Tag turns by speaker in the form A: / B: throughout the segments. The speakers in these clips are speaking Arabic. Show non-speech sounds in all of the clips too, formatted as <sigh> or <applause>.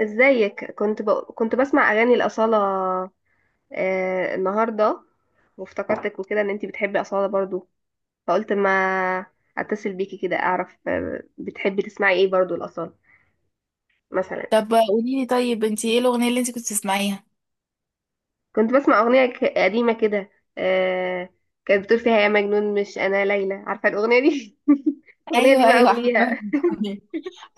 A: ازيك؟ كنت بسمع اغاني الاصاله النهارده، وافتكرتك وكده ان انتي بتحبي اصاله برضو، فقلت ما اتصل بيكي كده اعرف بتحبي تسمعي ايه برضو الاصاله مثلا.
B: طب قولي لي طيب انت ايه الاغنيه اللي انت كنت تسمعيها؟
A: كنت بسمع اغنيه قديمه كده، آه. كانت بتقول فيها يا مجنون مش انا ليلى، عارفه الاغنيه دي؟ <laughs> الاغنيه دي
B: ايوه
A: بقى
B: ايوه،
A: وليها.
B: عارفه. <laughs>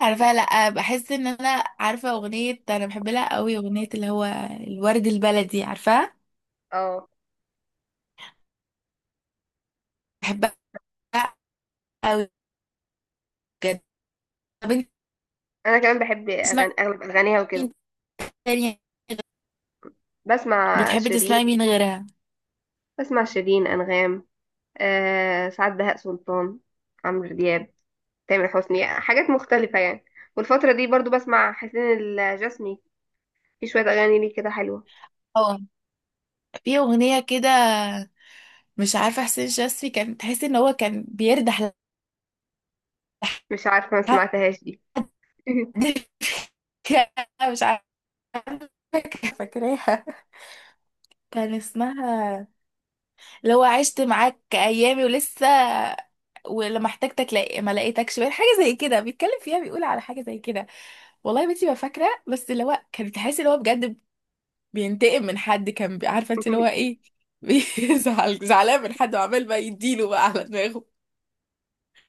B: عارفاها. لا بحس ان انا عارفه اغنيه انا بحب لها قوي، اغنيه اللي هو الورد البلدي، عارفاها؟
A: اه
B: بحبها قوي بجد. طب انت
A: انا كمان بحب
B: بتسمعي
A: اغلب اغانيها وكده.
B: مين تاني؟
A: بسمع
B: بتحبي
A: شيرين،
B: تسمعي مين غيرها؟
A: بسمع شيرين، انغام، آه سعاد، بهاء سلطان، عمرو دياب، تامر حسني، حاجات مختلفة يعني. والفترة دي برضو بسمع حسين الجسمي، في شوية أغاني ليه كده حلوة.
B: اه في اغنيه كده، مش عارفه، حسين شاذلي، كان تحس ان هو كان بيردح لحد.
A: مش عارفة، ما سمعتهاش دي. <laughs>
B: <laughs> مش عارفه، فاكراها، كان اسمها لو عشت معاك ايامي ولسه، ولما احتاجتك لا ما لقيتكش، بقى حاجه زي كده بيتكلم فيها، بيقول على حاجه زي كده. والله يا بنتي ما فاكره، بس اللي هو كان بتحس اللي هو بجد بينتقم من حد، كان عارفه انت اللي هو ايه؟ <laughs> بيزعل، زعلان من حد، وعمال بقى يديله بقى على دماغه.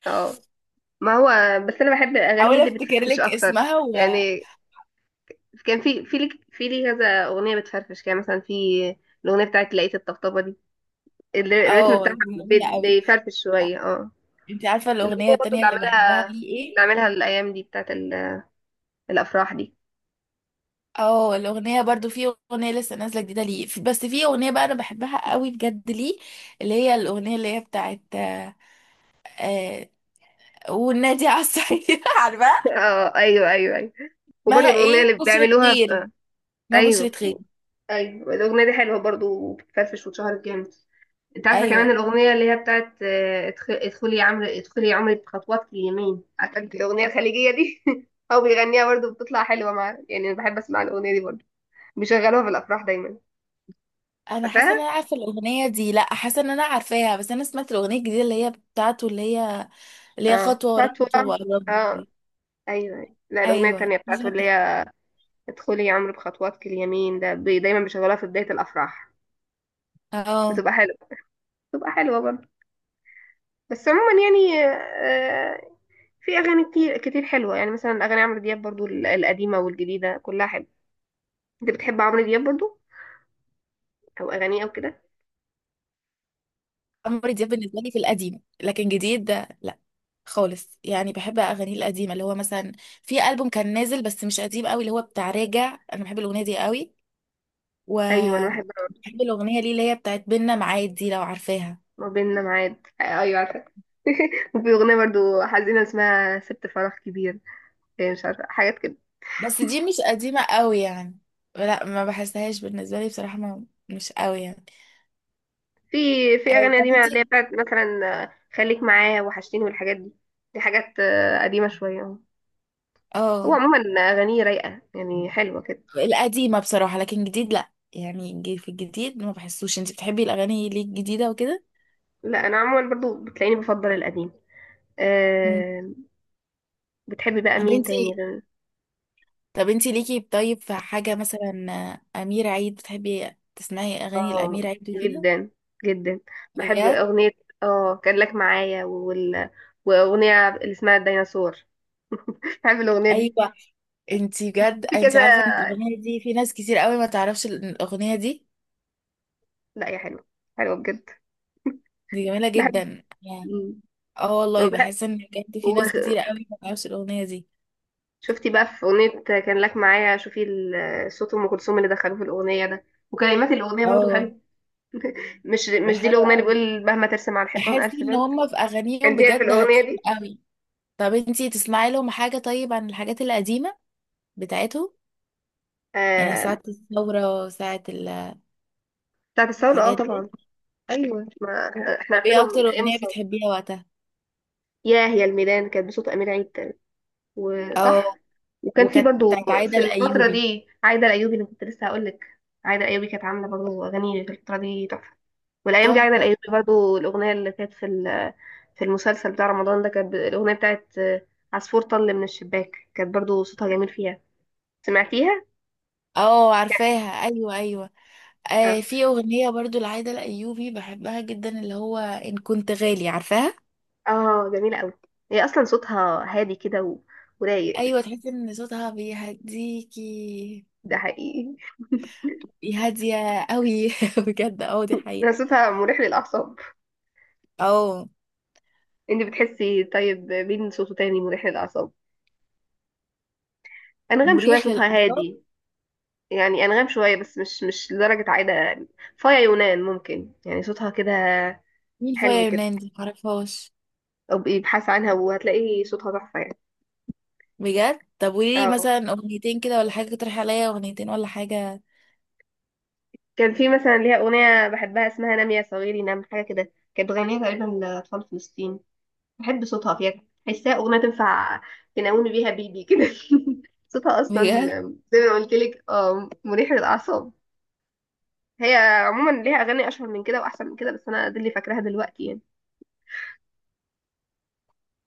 A: اه ما هو بس أنا بحب الأغاني
B: حاول
A: اللي
B: افتكر
A: بتفرفش
B: لك
A: أكتر
B: اسمها و
A: يعني. كان في لي كذا أغنية بتفرفش كده، مثلا في الأغنية بتاعت لقيت الطبطبة دي، الريتم
B: اه
A: بتاعها
B: دي جميله قوي.
A: بيفرفش شوية، اه.
B: انت عارفه الاغنيه
A: والأغنية برضو
B: التانية اللي بحبها ليه
A: اللي
B: ايه؟
A: عاملها الأيام دي بتاعت الأفراح دي.
B: اه الاغنيه برضو، في اغنيه لسه نازله جديده ليه بس في اغنيه بقى انا بحبها قوي بجد ليه، اللي هي الاغنيه اللي هي بتاعت آه، والنادي على الصعيد. <laughs> عارفه
A: اه ايوه، ايوه ايوه. وبرضه
B: مها
A: الاغنيه
B: ايه؟
A: اللي
B: بشرة
A: بيعملوها
B: خير،
A: في...
B: ما بشرة
A: ايوه،
B: خير.
A: ايوه الاغنيه دي حلوه برضه وبتفرفش واتشهرت جامد. انت عارفه كمان
B: ايوه
A: الاغنيه اللي هي بتاعت ادخلي يا عمرو، ادخلي يا عمرو بخطوات اليمين، عارفه انت الاغنيه الخليجيه دي؟ <laughs> هو بيغنيها برضه بتطلع حلوه، مع يعني انا بحب اسمع الاغنيه دي برضه، بيشغلوها في الافراح دايما.
B: انا حاسه
A: عارفاها؟
B: ان انا عارفه الاغنيه دي، لا حاسه ان انا عارفاها، بس انا سمعت الاغنيه الجديده اللي هي بتاعته، اللي هي
A: اه
B: خطوه ورا
A: خطوه،
B: خطوه وقرب لي
A: اه
B: دي.
A: ايوه أيوة. لا الاغنيه
B: ايوه
A: التانيه بتاعته
B: بالظبط.
A: اللي هي ادخلي يا عمرو بخطواتك اليمين، ده دايما بيشغلوها في بدايه الافراح،
B: اه
A: بتبقى حلوه، بتبقى حلوه برضه. بس عموما يعني في اغاني كتير كتير حلوه، يعني مثلا اغاني عمرو دياب برضو القديمه والجديده كلها حلوه. انت بتحب عمرو دياب برضو؟ او اغانيه او كده؟
B: عمرو دياب بالنسبه لي في القديم، لكن جديد ده لا خالص يعني. بحب اغانيه القديمه اللي هو مثلا في البوم كان نازل بس مش قديم قوي، اللي هو بتاع راجع، انا بحب الاغنيه دي قوي.
A: ايوه انا بحب عمرو.
B: وبحب الاغنيه ليه اللي هي بتاعت بينا معاد دي، لو عارفاها.
A: ما بيننا ميعاد، ايوه عارفه. <laughs> وفي اغنيه برضو حزينه اسمها سبت فراغ كبير، مش عارفه حاجات كده.
B: بس دي مش قديمه قوي يعني، لا ما بحسهاش بالنسبه لي بصراحه، ما مش قوي يعني.
A: في في اغاني
B: طب
A: قديمه
B: انت.
A: اللي هي بتاعت مثلا خليك معايا، وحشتيني، والحاجات دي. دي حاجات قديمه شويه أهو. هو
B: اه
A: عموما اغانيه رايقه يعني حلوه كده.
B: القديمه بصراحه، لكن جديد لا يعني، في الجديد ما بحسوش. انت بتحبي الاغاني ليه الجديده وكده؟
A: لا انا عموما برضو بتلاقيني بفضل القديم،
B: امم
A: آه، بتحبي بقى مين تاني
B: بنتي.
A: غير؟
B: طب انتي ليكي طيب في حاجة مثلا، أمير عيد، بتحبي تسمعي أغاني
A: اه
B: الأمير عيد وكده؟
A: جدا جدا بحب
B: بجد؟
A: اغنية، اه كان لك معايا. واغنية اللي اسمها الديناصور، <laughs> بحب الاغنية دي.
B: أيوة. انتي بجد
A: في
B: انتي
A: كذا،
B: عارفة ان الأغنية دي في ناس كتير قوي ما تعرفش الأغنية دي؟
A: لا يا حلوة، حلوة بجد،
B: دي جميلة
A: بحب.
B: جدا يعني.
A: مم.
B: اه والله
A: وبحب
B: بحس ان بجد في ناس كتير
A: وغ-
B: قوي ما تعرفش الأغنية دي.
A: شفتي بقى في اغنية كان لك معايا؟ شوفي صوت ام كلثوم اللي دخلوه في الاغنية ده، وكلمات الاغنية برضو
B: اه
A: حلوة. مش دي
B: بحب-
A: الاغنية اللي بيقول مهما ترسم على الحيطان
B: بحس
A: الف
B: ان
A: بند؟
B: هما في أغانيهم
A: كان فيها في
B: بجد
A: الاغنية
B: هادفين
A: دي
B: قوي. طب انتي تسمعي لهم حاجة طيب عن الحاجات القديمة بتاعتهم؟ يعني
A: آه...
B: ساعة الثورة، ساعة
A: بتاعت الثورة، اه
B: الحاجات دي.
A: طبعا، ايوه ما احنا
B: طب ايه
A: عارفينهم
B: اكتر
A: من ايام
B: اغنية
A: الثوره.
B: بتحبيها وقتها؟
A: ياه يا الميدان كانت بصوت امير عيد تاني،
B: او
A: وصح. وكان في
B: وكانت
A: برضو
B: بتاعت عايدة
A: في الفتره
B: الايوبي.
A: دي عايده الايوبي، اللي كنت لسه هقول لك، عايده الايوبي كانت عامله برضو اغاني في الفتره دي تحفه. والايام دي عايده
B: تحفة.
A: الايوبي برضو الاغنيه اللي كانت في في المسلسل بتاع رمضان ده، كانت الاغنيه بتاعت عصفور طل من الشباك، كانت برضو صوتها جميل فيها. سمعتيها؟
B: اه عارفاها، ايوه ايوه.
A: اه،
B: آه في اغنية برضو لعايدة الايوبي بحبها جدا، اللي هو ان كنت غالي، عارفاها؟
A: آه، جميله قوي. هي اصلا صوتها هادي كده ورايق،
B: ايوه تحسي ان صوتها بيهديكي،
A: ده حقيقي.
B: هادية قوي. <laughs> بجد اه دي حقيقة.
A: <laughs> صوتها مريح للاعصاب.
B: اه
A: انت بتحسي طيب مين صوته تاني مريح للاعصاب؟ انغام شويه
B: مريح
A: صوتها
B: للاعصاب.
A: هادي، يعني انغام شويه بس مش لدرجه عايده يعني. فايا يونان ممكن يعني صوتها كده
B: مين فيا
A: حلو كده،
B: يونان دي؟ معرفهاش.
A: او بقي ابحث عنها وهتلاقي صوتها تحفه يعني.
B: بجد؟ طب قوليلي
A: اه
B: مثلا اغنيتين كده ولا حاجة، تقترحي عليا اغنيتين ولا حاجة.
A: كان في مثلا ليها اغنيه بحبها اسمها نام يا صغيري نام، حاجه كده، كانت بتغنيها تقريبا لاطفال فلسطين. بحب صوتها فيها، تحسها اغنيه تنفع تنومي بيها بيبي كده. <laughs> صوتها اصلا
B: بجد؟
A: زي ما قلت لك اه مريح للاعصاب. هي عموما ليها اغاني اشهر من كده واحسن من كده، بس انا دي اللي فاكراها دلوقتي يعني.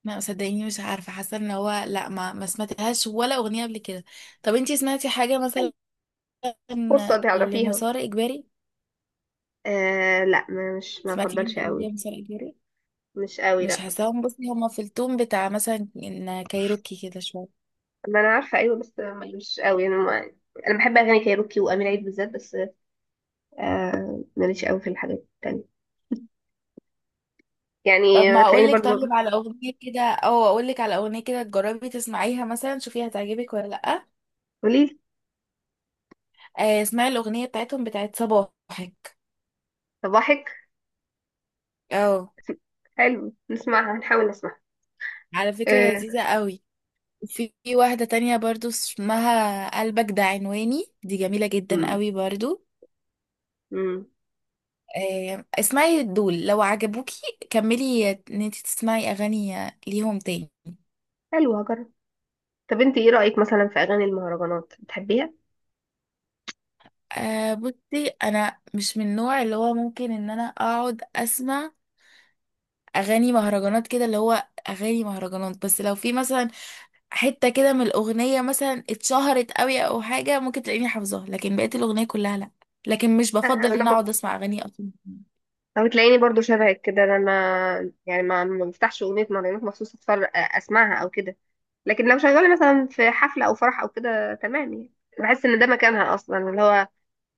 B: لا صدقيني مش عارفة، حاسة ان هو لا، ما سمعتهاش ولا اغنية قبل كده. طب انتي سمعتي حاجة
A: حلو.
B: مثلا
A: فرصه تعرفيها.
B: لمسار اجباري؟
A: آه لا ما مش ما
B: سمعتي حاجة
A: افضلش
B: قبل كده
A: قوي.
B: لمسار اجباري؟
A: مش قوي
B: مش
A: لا.
B: حاساهم، بصي هما في التون بتاع مثلا ان كايروكي كده شوية.
A: ما انا عارفه، ايوه، بس مش قوي انا ما، انا بحب اغاني كايروكي وامير عيد بالذات بس. آه ماليش قوي في الحاجات التانية
B: طب
A: يعني.
B: ما
A: تلاقيني
B: اقول لك
A: برضو،
B: طيب على اغنية كده، او اقول لك على اغنية كده تجربي تسمعيها مثلا، شوفي هتعجبك ولا لا؟
A: قوليلي.
B: اسمعي الاغنية بتاعتهم بتاعت صباحك.
A: صباحك،
B: اه
A: حلو نسمعها، نحاول نسمعها،
B: على فكرة
A: آه.
B: لذيذة قوي. في واحدة تانية برضو اسمها قلبك ده عنواني، دي جميلة جدا
A: امم،
B: قوي برضو.
A: امم،
B: اسمعي دول، لو عجبوكي كملي ان انت تسمعي اغاني ليهم تاني.
A: حلو هجرب. طب انت ايه رايك مثلا في اغاني المهرجانات؟ بتحبيها؟
B: أه بصي انا مش من النوع اللي هو ممكن ان انا اقعد اسمع اغاني مهرجانات كده، اللي هو اغاني مهرجانات، بس لو في مثلا حتة كده من الاغنية مثلا اتشهرت قوي او حاجة، ممكن تلاقيني حافظاها، لكن بقيت الاغنية كلها لا. لكن مش بفضل ان انا
A: انا
B: اقعد اسمع اغاني اصلا.
A: او تلاقيني برضو شبهك كده، انا ما يعني ما بفتحش اغنيه مهرجانات مخصوص اتفرج اسمعها او كده، لكن لو شغاله مثلا في حفله او فرح او كده تمام يعني، بحس ان ده مكانها اصلا اللي هو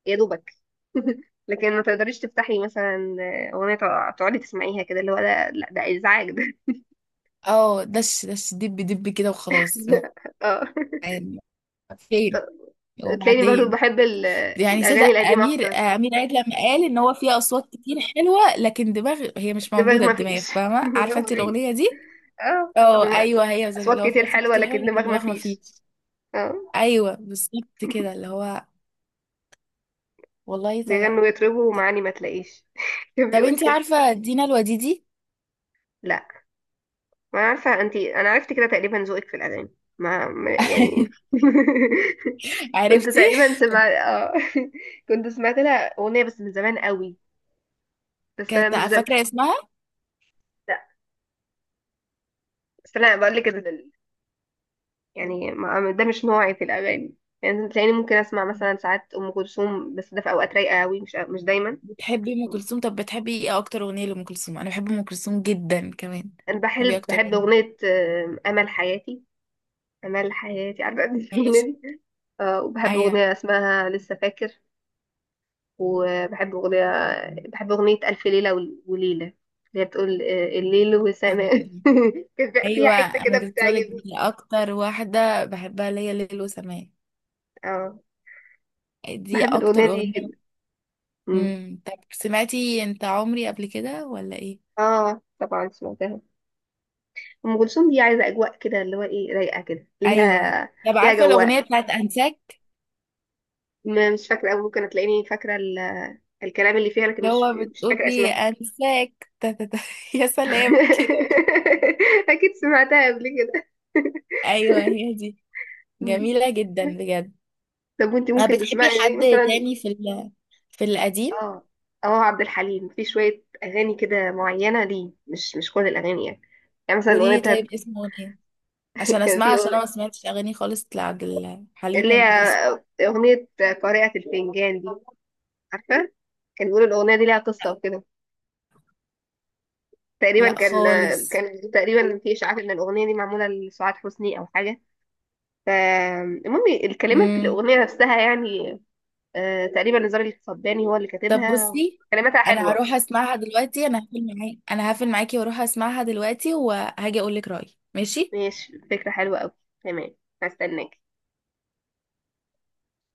A: يا دوبك. <laughs> لكن ما تقدريش تفتحي مثلا اغنيه تقعدي تسمعيها كده، اللي هو ده لا، ده ازعاج ده.
B: اه دش دش دب دب كده وخلاص
A: <laughs> اه
B: يعني. فين؟
A: تلاقيني برضو
B: وبعدين
A: بحب
B: يعني
A: الاغاني
B: صدق
A: القديمه
B: امير
A: اكتر.
B: امير عيد لما قال ان هو فيه اصوات كتير حلوه لكن دماغ هي مش
A: دماغ
B: موجوده،
A: ما
B: الدماغ،
A: فيش،
B: فاهمه؟
A: <laughs> دماغ
B: عارفه
A: ما
B: انت
A: فيش،
B: الاغنيه دي؟
A: اه
B: اه
A: دماغ،
B: ايوه،
A: اصوات
B: اللي هو فيه
A: كتير
B: اصوات
A: حلوه
B: كتير حلوه
A: لكن
B: لكن
A: دماغ ما
B: دماغ ما
A: فيش،
B: فيش.
A: اه
B: ايوه بالظبط كده اللي هو، والله
A: بيغنوا
B: صدق.
A: ويطربوا ومعاني ما تلاقيش. <laughs> كان
B: طب
A: بيقول
B: انت
A: كده.
B: عارفه دينا الوديدي؟
A: لا ما أنا عارفه انت، انا عرفت كده تقريبا ذوقك في الاغاني. ما يعني. <laughs>
B: <laughs>
A: كنت
B: عرفتي.
A: تقريبا سمعت اه، <laughs> كنت سمعت لها اغنيه بس من زمان قوي، بس انا
B: كانت
A: مش ده مش،
B: فاكره اسمها.
A: لا بس انا بقول لك. يعني ده مش نوعي في الاغاني يعني. تلاقيني ممكن اسمع مثلا ساعات ام كلثوم، بس ده في اوقات رايقه قوي، مش دايما.
B: بتحبي ام كلثوم؟ طب بتحبي ايه اكتر اغنيه لام كلثوم؟ انا بحب ام كلثوم جدا كمان.
A: انا
B: بحبي
A: بحب
B: اكتر
A: بحب
B: اغنيه.
A: اغنيه امل حياتي. امل حياتي، عارفه <laughs> الأغنية
B: ماشي.
A: دي؟ وبحب
B: ايوه.
A: أغنية اسمها لسه فاكر. وبحب أغنية بحب أغنية ألف ليلة ول- وليلة اللي هي بتقول الليل وسماء،
B: جميل.
A: <laughs> كان فيها
B: ايوه
A: حتة
B: انا
A: كده
B: كنت هقولك
A: بتعجبني.
B: دي اكتر واحده بحبها ليا، ليل وسماء.
A: اه
B: دي
A: بحب الأغنية
B: اكتر
A: دي جدا.
B: اغنيه.
A: مم.
B: طب سمعتي انت عمري قبل كده ولا ايه؟
A: اه طبعا سمعتها. أم كلثوم دي عايزة أجواء كده، اللي هو إيه، رايقة كده
B: ايوه.
A: ليها،
B: طب
A: ليها
B: عارفه الاغنيه
A: جواء.
B: بتاعت انساك،
A: مش فاكرة أوي، ممكن هتلاقيني فاكرة الكلام اللي فيها، لكن
B: اللي
A: مش
B: هو
A: مش
B: بتقول
A: فاكرة
B: فيه
A: اسمها.
B: انساك <laughs> تا تا تا. <laughs> يا سلام كده.
A: <laughs> أكيد سمعتها قبل كده.
B: ايوه هي دي.
A: مم.
B: جميله جدا بجد.
A: طب وانت ممكن
B: بتحبي
A: تسمعي يعني
B: حد
A: مثلا؟
B: تاني في ال... في القديم؟
A: اه اه عبد الحليم في شوية أغاني كده معينة ليه، مش كل الأغاني يعني. يعني مثلا
B: قولي
A: الأغنية
B: لي طيب
A: بتاعت،
B: اسمه ايه
A: <laughs>
B: عشان
A: كان
B: اسمع،
A: في
B: عشان انا ما
A: أغنية
B: سمعتش اغاني خالص لعبد الحليم
A: اللي هي
B: وبحس.
A: أغنية قارئة الفنجان دي، عارفة؟ كان بيقولوا الأغنية دي ليها قصة وكده، تقريبا
B: لا
A: كان
B: خالص.
A: كان تقريبا في إشاعات إن الأغنية دي معمولة لسعاد حسني أو حاجة. فالمهم الكلمات
B: امم.
A: الأغنية نفسها يعني، تقريبا نزار القباني هو اللي
B: طب
A: كاتبها،
B: بصي
A: كلماتها
B: انا
A: حلوة.
B: هروح اسمعها دلوقتي، انا هقفل معاكي، انا هقفل معاكي واروح اسمعها دلوقتي وهاجي اقول لك رايي، ماشي؟
A: ماشي، فكرة حلوة أوي، تمام، هستناك.